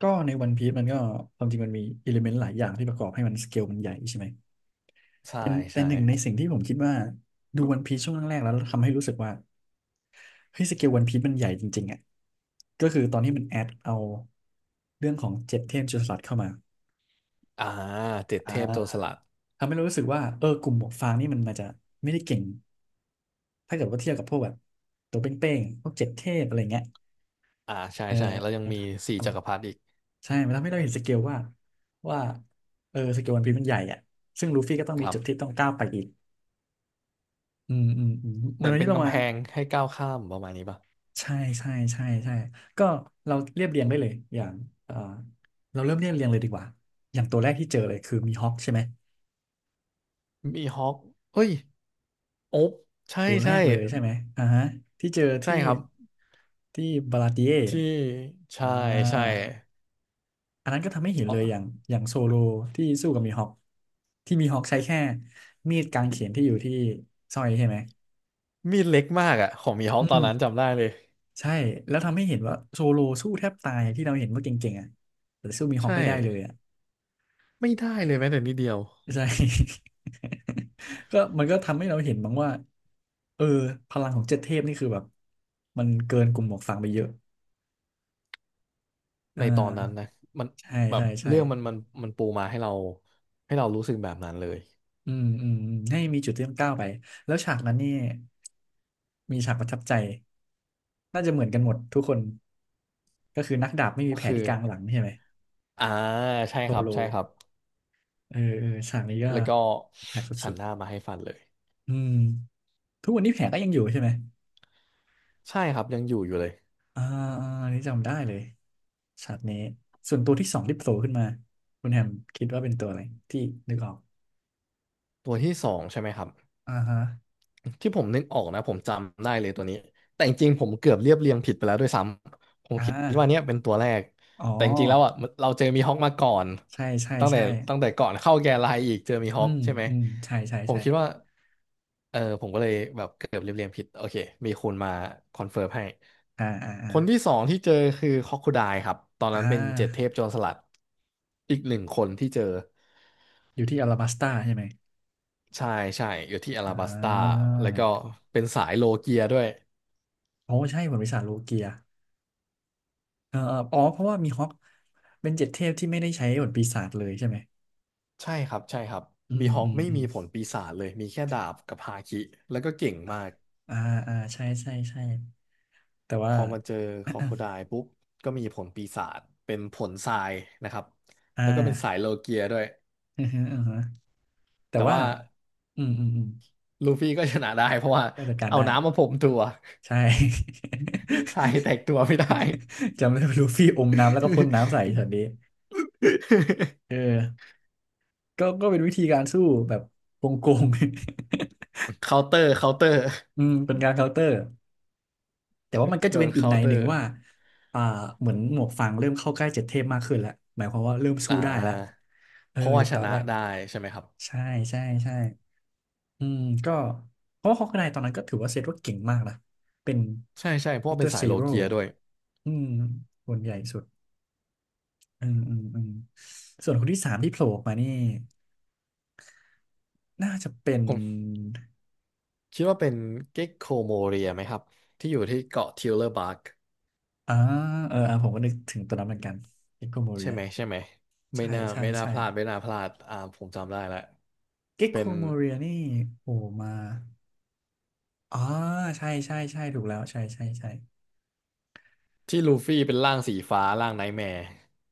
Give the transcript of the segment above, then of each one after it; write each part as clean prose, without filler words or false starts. ก็ในวันพี e มันก็ความจริงมันมีอิเลเมนต์หลายอย่างที่ประกอบให้มันสเกลมันใหญ่ใช่ไหมใช่แต่แต่ใช่ หนึ่งในสิ่งที่ผมคิดว่าดูวันพีซช่วงแรกๆแล้วทำให้รู้สึกว่าเฮ้ยสเกลวันพีซมันใหญ่จริงๆอ่ะก็คือตอนที่มันแอดเอาเรื่องของเจ็ดเทพจุลศาสตร์เข้ามาอ่าเจ็ดอ่เทพโจรสาลัดทำให้เรารู้สึกว่าเออกลุ่มหมวกฟางนี่มันอาจจะไม่ได้เก่งถ้าเกิดว่าเทียบกับพวกแบบตัวเป้งๆพวกเจ็ดเทพอะไรเงี้ยอ่า ใช่เอใช่ แล้วยังมีสี่จัอ กรพรรดิอีกใช่มันทำให้เราเห็นสเกลว่าว่าเออสเกลวันพีมันใหญ่อ่ะซึ่งลูฟี่ก็ต้องคมีรับ จุดที่ต้องก้าวไปอีกอืมอืมอืมเหเดี๋ยมือวนเป็ที่นเรากำมาแพงให้ก้าวข้ามประมาณนี้ป่ะใช่ใช่ใช่ใช่ก็เราเรียบเรียงได้เลยอย่างเออเราเริ่มเรียบเรียงเลยดีกว่าอย่างตัวแรกที่เจอเลยคือมีฮอกใช่ไหมมีฮอกเฮ้ย โอ๊บใช่ตัวแรใช่กเลยใช่ไหมอ่าฮะที่เจอใช่ที่ครับที่บาลาติที่เอใช่อ่ใช่า อันนั้นก็ทำให้เห็นตอเลยนอย่างโซโลที่สู้กับมีฮอคที่มีฮอคใช้แค่มีดกางเขนที่อยู่ที่สร้อยใช่ไหมมีดเล็กมากอะ ของมีฮออืกตอมนนั้นจำได้เลย ใช่แล้วทำให้เห็นว่าโซโลสู้แทบตายที่เราเห็นว่าเก่งๆอ่ะแต่สู้มีฮอคใช่ ไม่ได้เลยอ่ะไม่ได้เลยแม้แต่นิดเดียว ใช่ ก็มันก็ทำให้เราเห็นบ้างว่าเออพลังของเจ็ดเทพนี่คือแบบมันเกินกลุ่มหมวกฟางไปเยอะอ่ในตอนนั้นนะ ามันใช่แบบใช่ใช่เรื่องมันปูมาให้เรารู้สึกแบบนั้นเลยอืมอืมอืมให้มีจุดที่ต้องก้าวไปแล้วฉากนั้นนี่มีฉากประทับใจ น่าจะเหมือนกันหมดทุกคนก็คือนักดาบไม่มีก็แผลคือที่กลางหลังใช่ไหมอ่าใช่โซครับโลใช่ครับ เออเออฉากนี้ก็แล้วก็แผลกสหัุนดหน้ามาให้ฟันเลยๆอืมทุกวันนี้แผลก็ยังอยู่ใช่ไหมใช่ครับยังอยู่อยู่เลยอ่าอ่าอันนี่จำได้เลยฉากนี้ส่วนตัวที่สองที่โผล่ขึ้นมาคุณแฮมคิดว่าเป็นตัวอะไรที่นึกออกตัวที่สองใช่ไหมครับ อ่าฮะที่ผมนึกออกนะผมจำได้เลยตัวนี้แต่จริงๆผมเกือบเรียบเรียงผิดไปแล้วด้วยซ้ำผมอ่าคิดว่าเนี้ยเป็นตัวแรกอ๋อแต่จริงๆแล้วอ่ะมันเราเจอมีฮอคมาก่อนใช่ใช่ตั้งแต่ใช่ตั้งแต่ก่อนเข้าแกนไลน์อีกเจอมีฮอือคมใช่ไหมอืมใช่ใช่ผมใช่คิดว่าเออผมก็เลยแบบเกือบเรียบเรียงผิดโอเคมีคุณมาคอนเฟิร์มให้อ่าอ่าอ่าคนที่สองที่เจอคือคอคคูไดครับตอนอ่นั้นเป็นเจ็ดเทาพโจรสลัดอีกหนึ่งคนที่เจออยู่ที่อลาบัสตาใช่ไหมใช่ใช่อยู่ที่ออ่ลาบัสตาาแล้วก็เป็นสายโลเกียด้วย โอ้ใช่ผลปีศาจโลเกีย เอออ๋อเพราะว่ามีฮอกเป็นเจ็ดเทพที่ไม่ได้ใช้บทปีศาจเลยใช่ไหมใช่ครับใช่ครับอืบีมฮออืกมไม่อืมีมผลปีศาจเลยมีแค่ดาบกับฮาคิแล้วก็เก่งมากอ่าอ่าใช่ใช่ใช่แต่พว่า อมาเจอคอโคไดปุ๊บก็มีผลปีศาจเป็นผลทรายนะครับ อ่า แล้วก็เป็นสา ยโลเกียด้วยอือฮึอือฮึแต่แต่ว่าว่าอืมอืมอืมลูฟี่ก็ชนะได้เพราะว่าก็จัดการเอาได้น้ำมาพรมตัว ใช่ ทรายแตกตัวไม่ได้ จำได้ว่าลูฟี่อมน้ำแล้วก็พ่นน้ำใส่ช็อตนี้ เออก็เป็นวิธีการสู้แบบโกงๆ เคาน์เตอร์เคาน์เตอร์ อืมเป็นการเคาน์เตอร์ แต่ว่ามันก็โดจะเป็นนอีกเคาในน์เตอหนึ่งร์ว่าอ่าเหมือนหมวกฟางเริ่มเข้าใกล้เจ็ดเทพมากขึ้นแล้ว หมายความว่าเริ่มสู้อ่ได้แล้วาเออเพราะว่าจากชตอนนะแรกได้ใช่ไหมครับใช่ใช่ใช่อืมก็เพราะว่าฮอกไกตอนนั้นก็ถือว่าเซตว่าเก่งมากนะเป็นใช่ใช่เพราะมิสว่าเตอเป็นร์สายซีโลโร่เกียด้วยอืมคนใหญ่สุด อืมอืมอืมส่วนคนที่สามที่โผล่ออกมานี่น่าจะเป็นผม คิดว่าเป็นเก็กโคโมเรียไหมครับที่อยู่ที่เกาะทิวเลอร์บาร์กอ่าเอออ่าผมก็นึกถึงตัวนั้นเหมือนกันเก็กโคโมเรีใช่ยไหมใช่ไหมไม่ใช่น่าใช่ไม่น่าใช่พลาดไม่น่าพลาดอ่าผมจำได้แล้วเก็กโคเป็นโมเรียนี่โผล่มา อ๋อใช่ใช่ใช่ถูกแล้วใช่ใช่ใช่ที่ลูฟี่เป็นร่างสีฟ้าร่างไนท์แมร์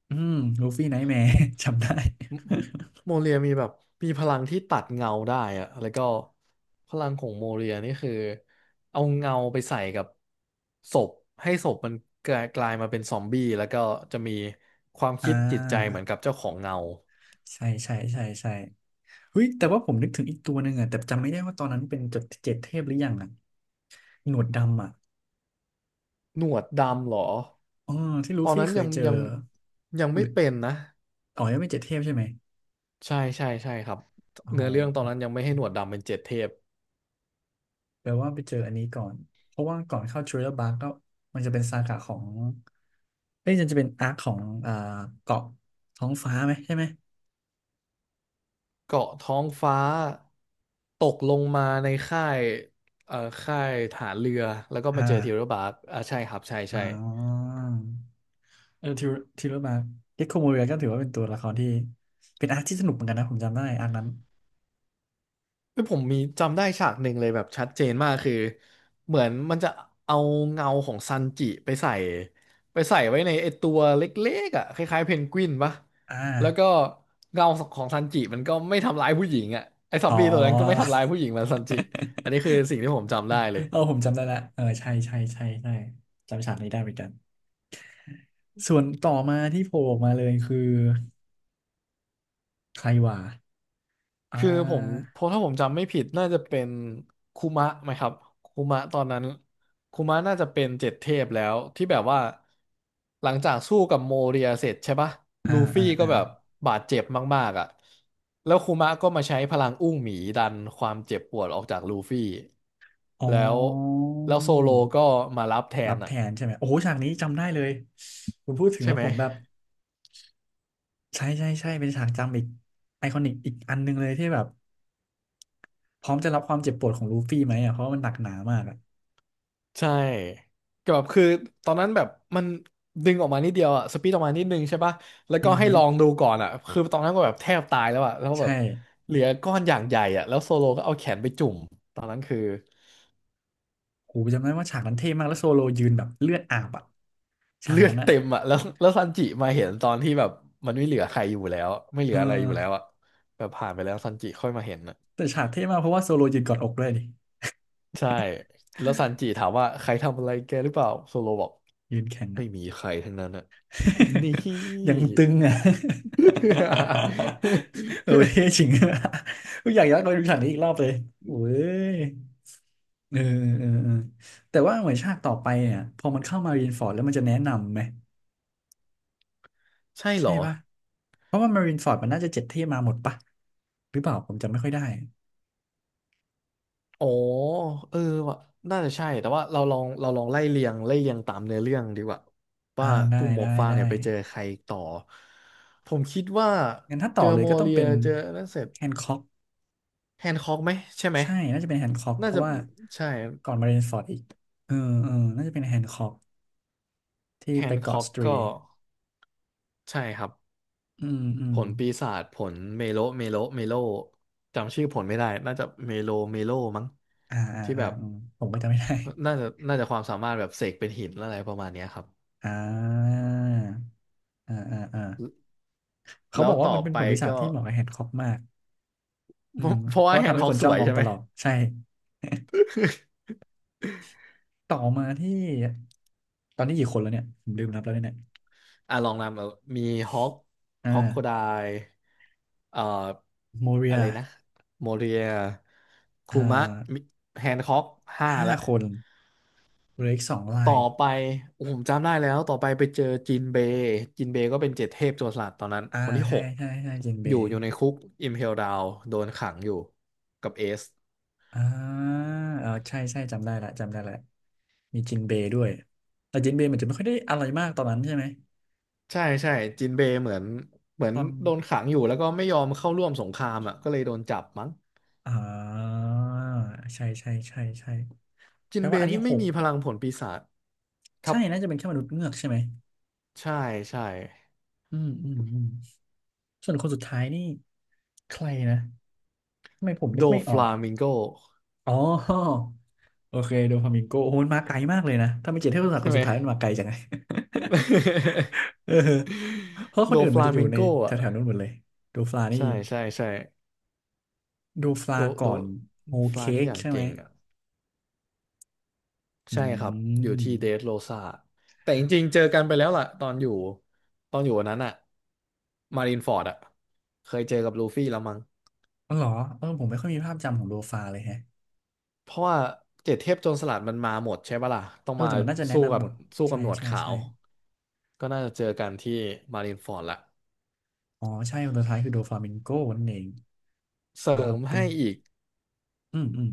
อืมลูฟี่ไนท์แมร์ จำได้ โมเรียมีแบบมีพลังที่ตัดเงาได้อะแล้วก็พลังของโมเรียนี่คือเอาเงาไปใส่กับศพให้ศพมันกลายมาเป็นซอมบี้แล้วก็จะมีความ อ่คิดจิตใจเหมืาอนกับเจ้าของเงา ใช่ใช่ใช่ใช่เฮ้ยแต่ว่าผมนึกถึงอีกตัวหนึ่งอะแต่จำไม่ได้ว่าตอนนั้นเป็นจดเจ็ดเทพหรือยังอะหนวดดำอะหนวดดำเหรอ อ๋อที่ลูตอนฟี่นั้นเคยัยงเจอยังยังหไม่รือเป็นนะ อ๋อยังไม่เจ็ดเทพใช่ไหมใช่ใช่ใช่ครับอ๋อเนื้อเรื่องตอนนั้นยังไม่ให้หนวดดำเป็นเจ็ดเทพแปลว่าไปเจออันนี้ก่อนเพราะว่าก่อนเข้าทริลเลอร์บาร์ก็มันจะเป็นซากะของเอ้ยมันจะเป็นอาร์คของอ่าเกาะท้องฟ้าไหมใช่ไหมเกาะท้องฟ้าตกลงมาในค่ายเอ่อค่ายฐานเรือ แล้วก็อ่า มาเจอเทวดาบาร์กอ่าใช่ครับใช่อ่ใช่ าเออทิวทิวมาเด็กโคโมเรียก็ถือว่าเป็นตัวละครที่เป็นอาร์คที่สนุกเหมือนกันนะผมจำได้อาร์คนั้นคือผมมีจำได้ฉากหนึ่งเลยแบบชัดเจนมากคือเหมือนมันจะเอาเงาของซันจิไปใส่ไว้ในไอตัวเล็กๆอ่ะคล้ายๆเพนกวินปะอ่าแล้วก็เงาของซันจิมันก็ไม่ทำร้ายผู้หญิงอ่ะไอซอมอ๋อ บี้ตัวนั้นก็ไม่ทำร้ายผู้หญิงเหมันซันจิอันนี้คือสิ่งที่ผมจำได้เลย เออผมจำได้ละเออใช่ใช่ใช่ใช่จำฉากนี้ได้เหมือนกันส่วนต่อมาที่โผล่ออกมาเลยคือใครว่าอ่คือผมาเพราะถ้าผมจำไม่ผิดน่าจะเป็นคุมะไหมครับคุมะตอนนั้นคุมะน่าจะเป็นเจ็ดเทพแล้วที่แบบว่าหลังจากสู้กับโมเรียเสร็จใช่ปะอ่าลูอ่าฟี่ก็อ่าแบบบาดเจ็บมากๆอ่ะแล้วคุมะก็มาใช้พลังอุ้งหมีดันความเจ็บปวดออกจากลูฟี่อ๋แล้วอแล้วโซโลก็มารับแทรันบแทอ่ะนใช่ไหมโอ้โหฉากนี้จำได้เลยคุณพูดถึงใช่แล้วไหม ผมแบบใช่ใช่ใช่เป็นฉากจำอีกไอคอนิกอีกอันหนึ่งเลยที่แบบ พร้อมจะรับความเจ็บปวดของลูฟี่ไหมอ่ะเพราะมันหนักหนามากอ่ะใช่ก็แบบคือตอนนั้นแบบมันดึงออกมานิดเดียวอะสปีดออกมานิดนึงใช่ปะแล้วอืก็อให้หือลองดูก่อนอะคือตอนนั้นก็แบบแทบตายแล้วอะแล้วแบใช่บเหลือก้อนอย่างใหญ่อะแล้วโซโลก็เอาแขนไปจุ่มตอนนั้นคือโหจำได้ว่าฉากนั้นเท่มากแล้วโซโลยืนแบบเลือดอาบอ่ะฉากเลือดนั้นอ่ะเต็มอะ แล้วซันจิมาเห็นตอนที่แบบมันไม่เหลือใครอยู่แล้วไม่เหลืเออออะไรอยู่แล้วอะแบบผ่านไปแล้วซันจิค่อยมาเห็นอะแต่ฉากเท่มากเพราะว่าโซโลยืนกอดอกด้วยดิใช่แล้วซันจิถามว่าใครทำอะไรแกหรือเปล่าโซโลบอกยืนแข็งไม่อ่ะ มีใครทั้งนั้นอะนี่ ยังตึงอ่ะ เออเท่จริง กูอยากย้อนกับไปดูฉากนี้อีกรอบเลยโอ้ยเออเออเออแต่ว่าเหมือนฉากต่อไปเนี่ยพอมันเข้ามารีนฟอร์ดแล้วมันจะแนะนำไหม ใช่เหรใช่อ ป่ะเพราะว่ามารินฟอร์ดมันน่าจะเจ็ดที่มาหมดป่ะหรือเปล่าผมจำไม่ค่อยได้อ๋อเออว่ะน่าจะใช่ แต่ว่าเราลองไล่เรียงไล่เรียงตามเนื้อเรื่องดีกว่าอ่าว่าได้กลุ่มหมได้วกฟางได้เนี่ยไปเจอใครต่อ ผมคิดว่างั้นถ้าต่เจออเลยโมก็ต้องเรียเป็นเจอนั่นเสร็จแฮนค็อกแฮนค็อกไหมใช่ไหมใช่น่าจะเป็นแฮนค็อกเพน่าราะจะว่าใช่ก่อนมารินฟอร์ดอีกเออเออน่าจะเป็นแฮนค็อกที่แฮไปนเกาะค็อกสตรีก็ใช่ครับอืมอืผมลปีศาจผลเมโลเมโลเมโลจำชื่อผลไม่ได้ น่าจะเมโลเมโลมั้งอ่าอ่าที่อ่าแบบ อืมผมก็จำไม่ได้น่าจะน่าจะความสามารถแบบเสกเป็นหินอะไรประมาณเนี้ยครับอ่าอ่าอ่าอ่าเขาแล้บวอกว่าต่อมันเป็นไปผลปีศาจก็ ที่เหมาะกับแฮนค็อกมากอืม เพราะเพว่าราะแฮนทำด์ให้ค็อคกนสจ้อวงยมองใช่ตไหมลอดใช่ ต่อมาที่ตอนนี้กี่คนแล้วเนี่ยผมลืมนับแล้วเนี่ยอ่ะลองนำเอามีฮอกอ่คอกโคไดาเอ่อโมเรีอะยไรนะโมเรียอ่คูมะาแฮนด์ค็อกห้าห้าแล้วคนเหลืออีกสองลาต่อยไปผมจำได้แล้วต่อไปไปเจอจินเบย์จินเบย์ก็เป็นเจ็ดเทพโจรสลัดตอนนั้นอ่าคนที่หใช่กใช่ใช่จินเบอยู่ย์อยู่ในคุกอิมเพลดาวโดนขังอยู่กับเอส อ่าเออใช่ใช่จำได้ละจำได้ละมีจินเบย์ด้วยแต่จินเบย์มันจะไม่ค่อยได้อะไรมากตอนนั้นใช่ไหมใช่ใช่จินเบย์เหมือนตอนโดนขังอยู่แล้วก็ไม่ยอมเข้าร่วมสงครามอ่ะก็เลยโดนจับมั้งอ่าใช่ใช่ใช่ใช่จิแปนลเบว่าอันย์นี้นี่หไม่กมีพลังผลปีศาจทัใช่บน่าจะเป็นแค่มนุษย์เงือกใช่ไหมใช่ใช่อืมอืมอืมส่วนคนสุดท้ายนี่ใครนะทำไมผมนึโดกไม่ฟออก ลามิงโกอ๋อโอเคโดฟามิงโกโอ้โหมันมาไกลมากเลยนะถ้าไม่เจ็ดเทพศาสตร์ใช่คนไหสุม ดท้ายมันมาไกลจังไง เออเพราะคนโดอื่นฟมันลาจะอยู่มิงในโก แถอ่ะวๆนู้นหมดเลยโดฟลานี่ใช่ใช่ใช่โดฟลาโดก่โดอนโฮโดฟลาเค้นี่กอย่างใช่ไหมเก่งอ่ะอืใช่ครับอยู่ที่เดมสโรซาแต่จริงๆเจอกันไปแล้วล่ะตอนอยู่วันนั้นอ่ะมารินฟอร์ดอ่ะเคยเจอกับลูฟี่แล้วมั้ง อ๋อเหรอเออผมไม่ค่อยมีภาพจำของโดฟาเลยแฮะเพราะว่าเจ็ดเทพโจรสลัดมันมาหมดใช่ปะล่ะต้องเออมาแต่มันน่าจะแนะสู้นำกัหบมดสู้กัใช่บหนวดใช่ขาใช่วก็น่าจะเจอกันที่มารินฟอร์ดละอ๋อใช่คนสุดท้ายคือโดฟามิงโกนั่นเองเสริว้าวมเป็นให้อีกอืมอืม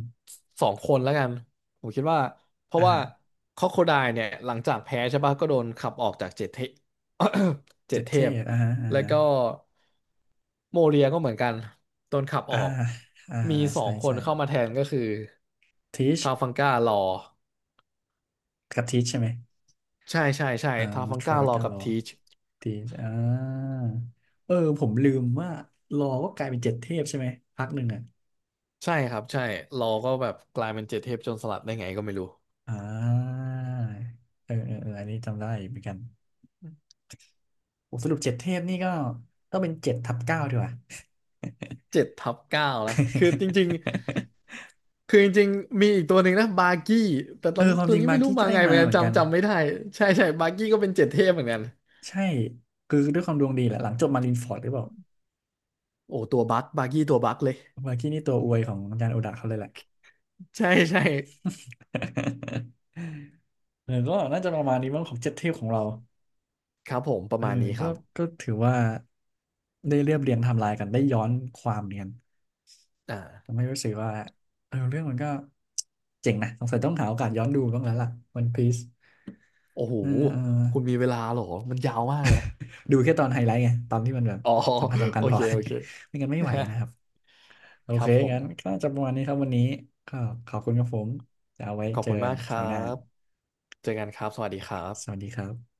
สองคนแล้วกันผมคิดว่าเพราะอ่าว่าคอ o โคไดเนี่ยหลังจากแพ้ใช่ปะก็โดนขับออกจากเจ็ดเทพ เจ็เจ็ดดเทเทพพอ่าฮะอ่าแล้วฮะก็โมเรียก็เหมือนกันโดนขับออ่าอกอ่ามีสอใช่งคนใช่เข้ามาแทนก็คือทีช ทาฟังก้ารอกะทิใช่ไหมใช่ใช่ใช่อ่าทาฟังทรอก้ายรอกากัลบอทีช ทีอ่าเออผมลืมว่ารอก็กลายเป็นเจ็ดเทพใช่ไหม พักหนึ่งอ่ะใช่ครับใช่เราก็แบบกลายเป็นเจ็ดเทพโจรสลัดได้ไงก็ไม่รู้อ่าเออเออเอออันนี้จำได้เหมือนกันโอ้สรุปเจ็ดเทพนี่ก็ต้องเป็น7/9ดีกว่า เจ็ดทับเก้านะคือจริง ๆคือจริงๆมีอีกตัวหนึ่งนะบาร์กี้แต่ตเอออนความตัจวริงนี้บาไม่ร์รู้กี้ก็มาได้ไงเหมืมาอนกัเหนมือนกัน จำไม่ได้ใช่ใช่บาร์กี้ก็เป็นเจ็ดเทพเหมือนกันใช่คือด้วยความดวงดีแหละหลังจบมารินฟอร์ดหรือเปล่า โอ้ตัวบั๊กบาร์กี้ตัวบั๊กเลยบาร์กี้นี่ตัวอวยของอาจารย์โอดะเขาเลยแหละ ใช่ใช่ เออก็น่าจะประมาณนี้มั้งของเจ็ดเทพของเรา ครับผมประเออมาณนี้คก็รับถือว่าได้เรียบเรียงไทำลายกันได้ย้อนความเนียนทำอ่าให้รู้สึกว่าเออเรื่องมันก็เจ๋งนะสงสัยต้องหาโอกาสย้อนดูบ้างแล้วล่ะ One Piece โอ้โหเออเออคุณมีเวลาเหรอมันยาวมากเลยนะดูแค่ตอนไฮไลท์ไงตอนที่มันแบบอ๋อ สำคัญสำ คัโอญพอ เคโอเค ไม่งั้นไม่ไหวนะครับโอ คเครับผมงั้นก็จะประมาณนี้ครับวันนี้ก็ขอบคุณครับผมจะเอาไว้ขอบเจอคุณกัมานกคครัราวหน้าบเจอกันครับสวัสดีครัสวับสดีครับ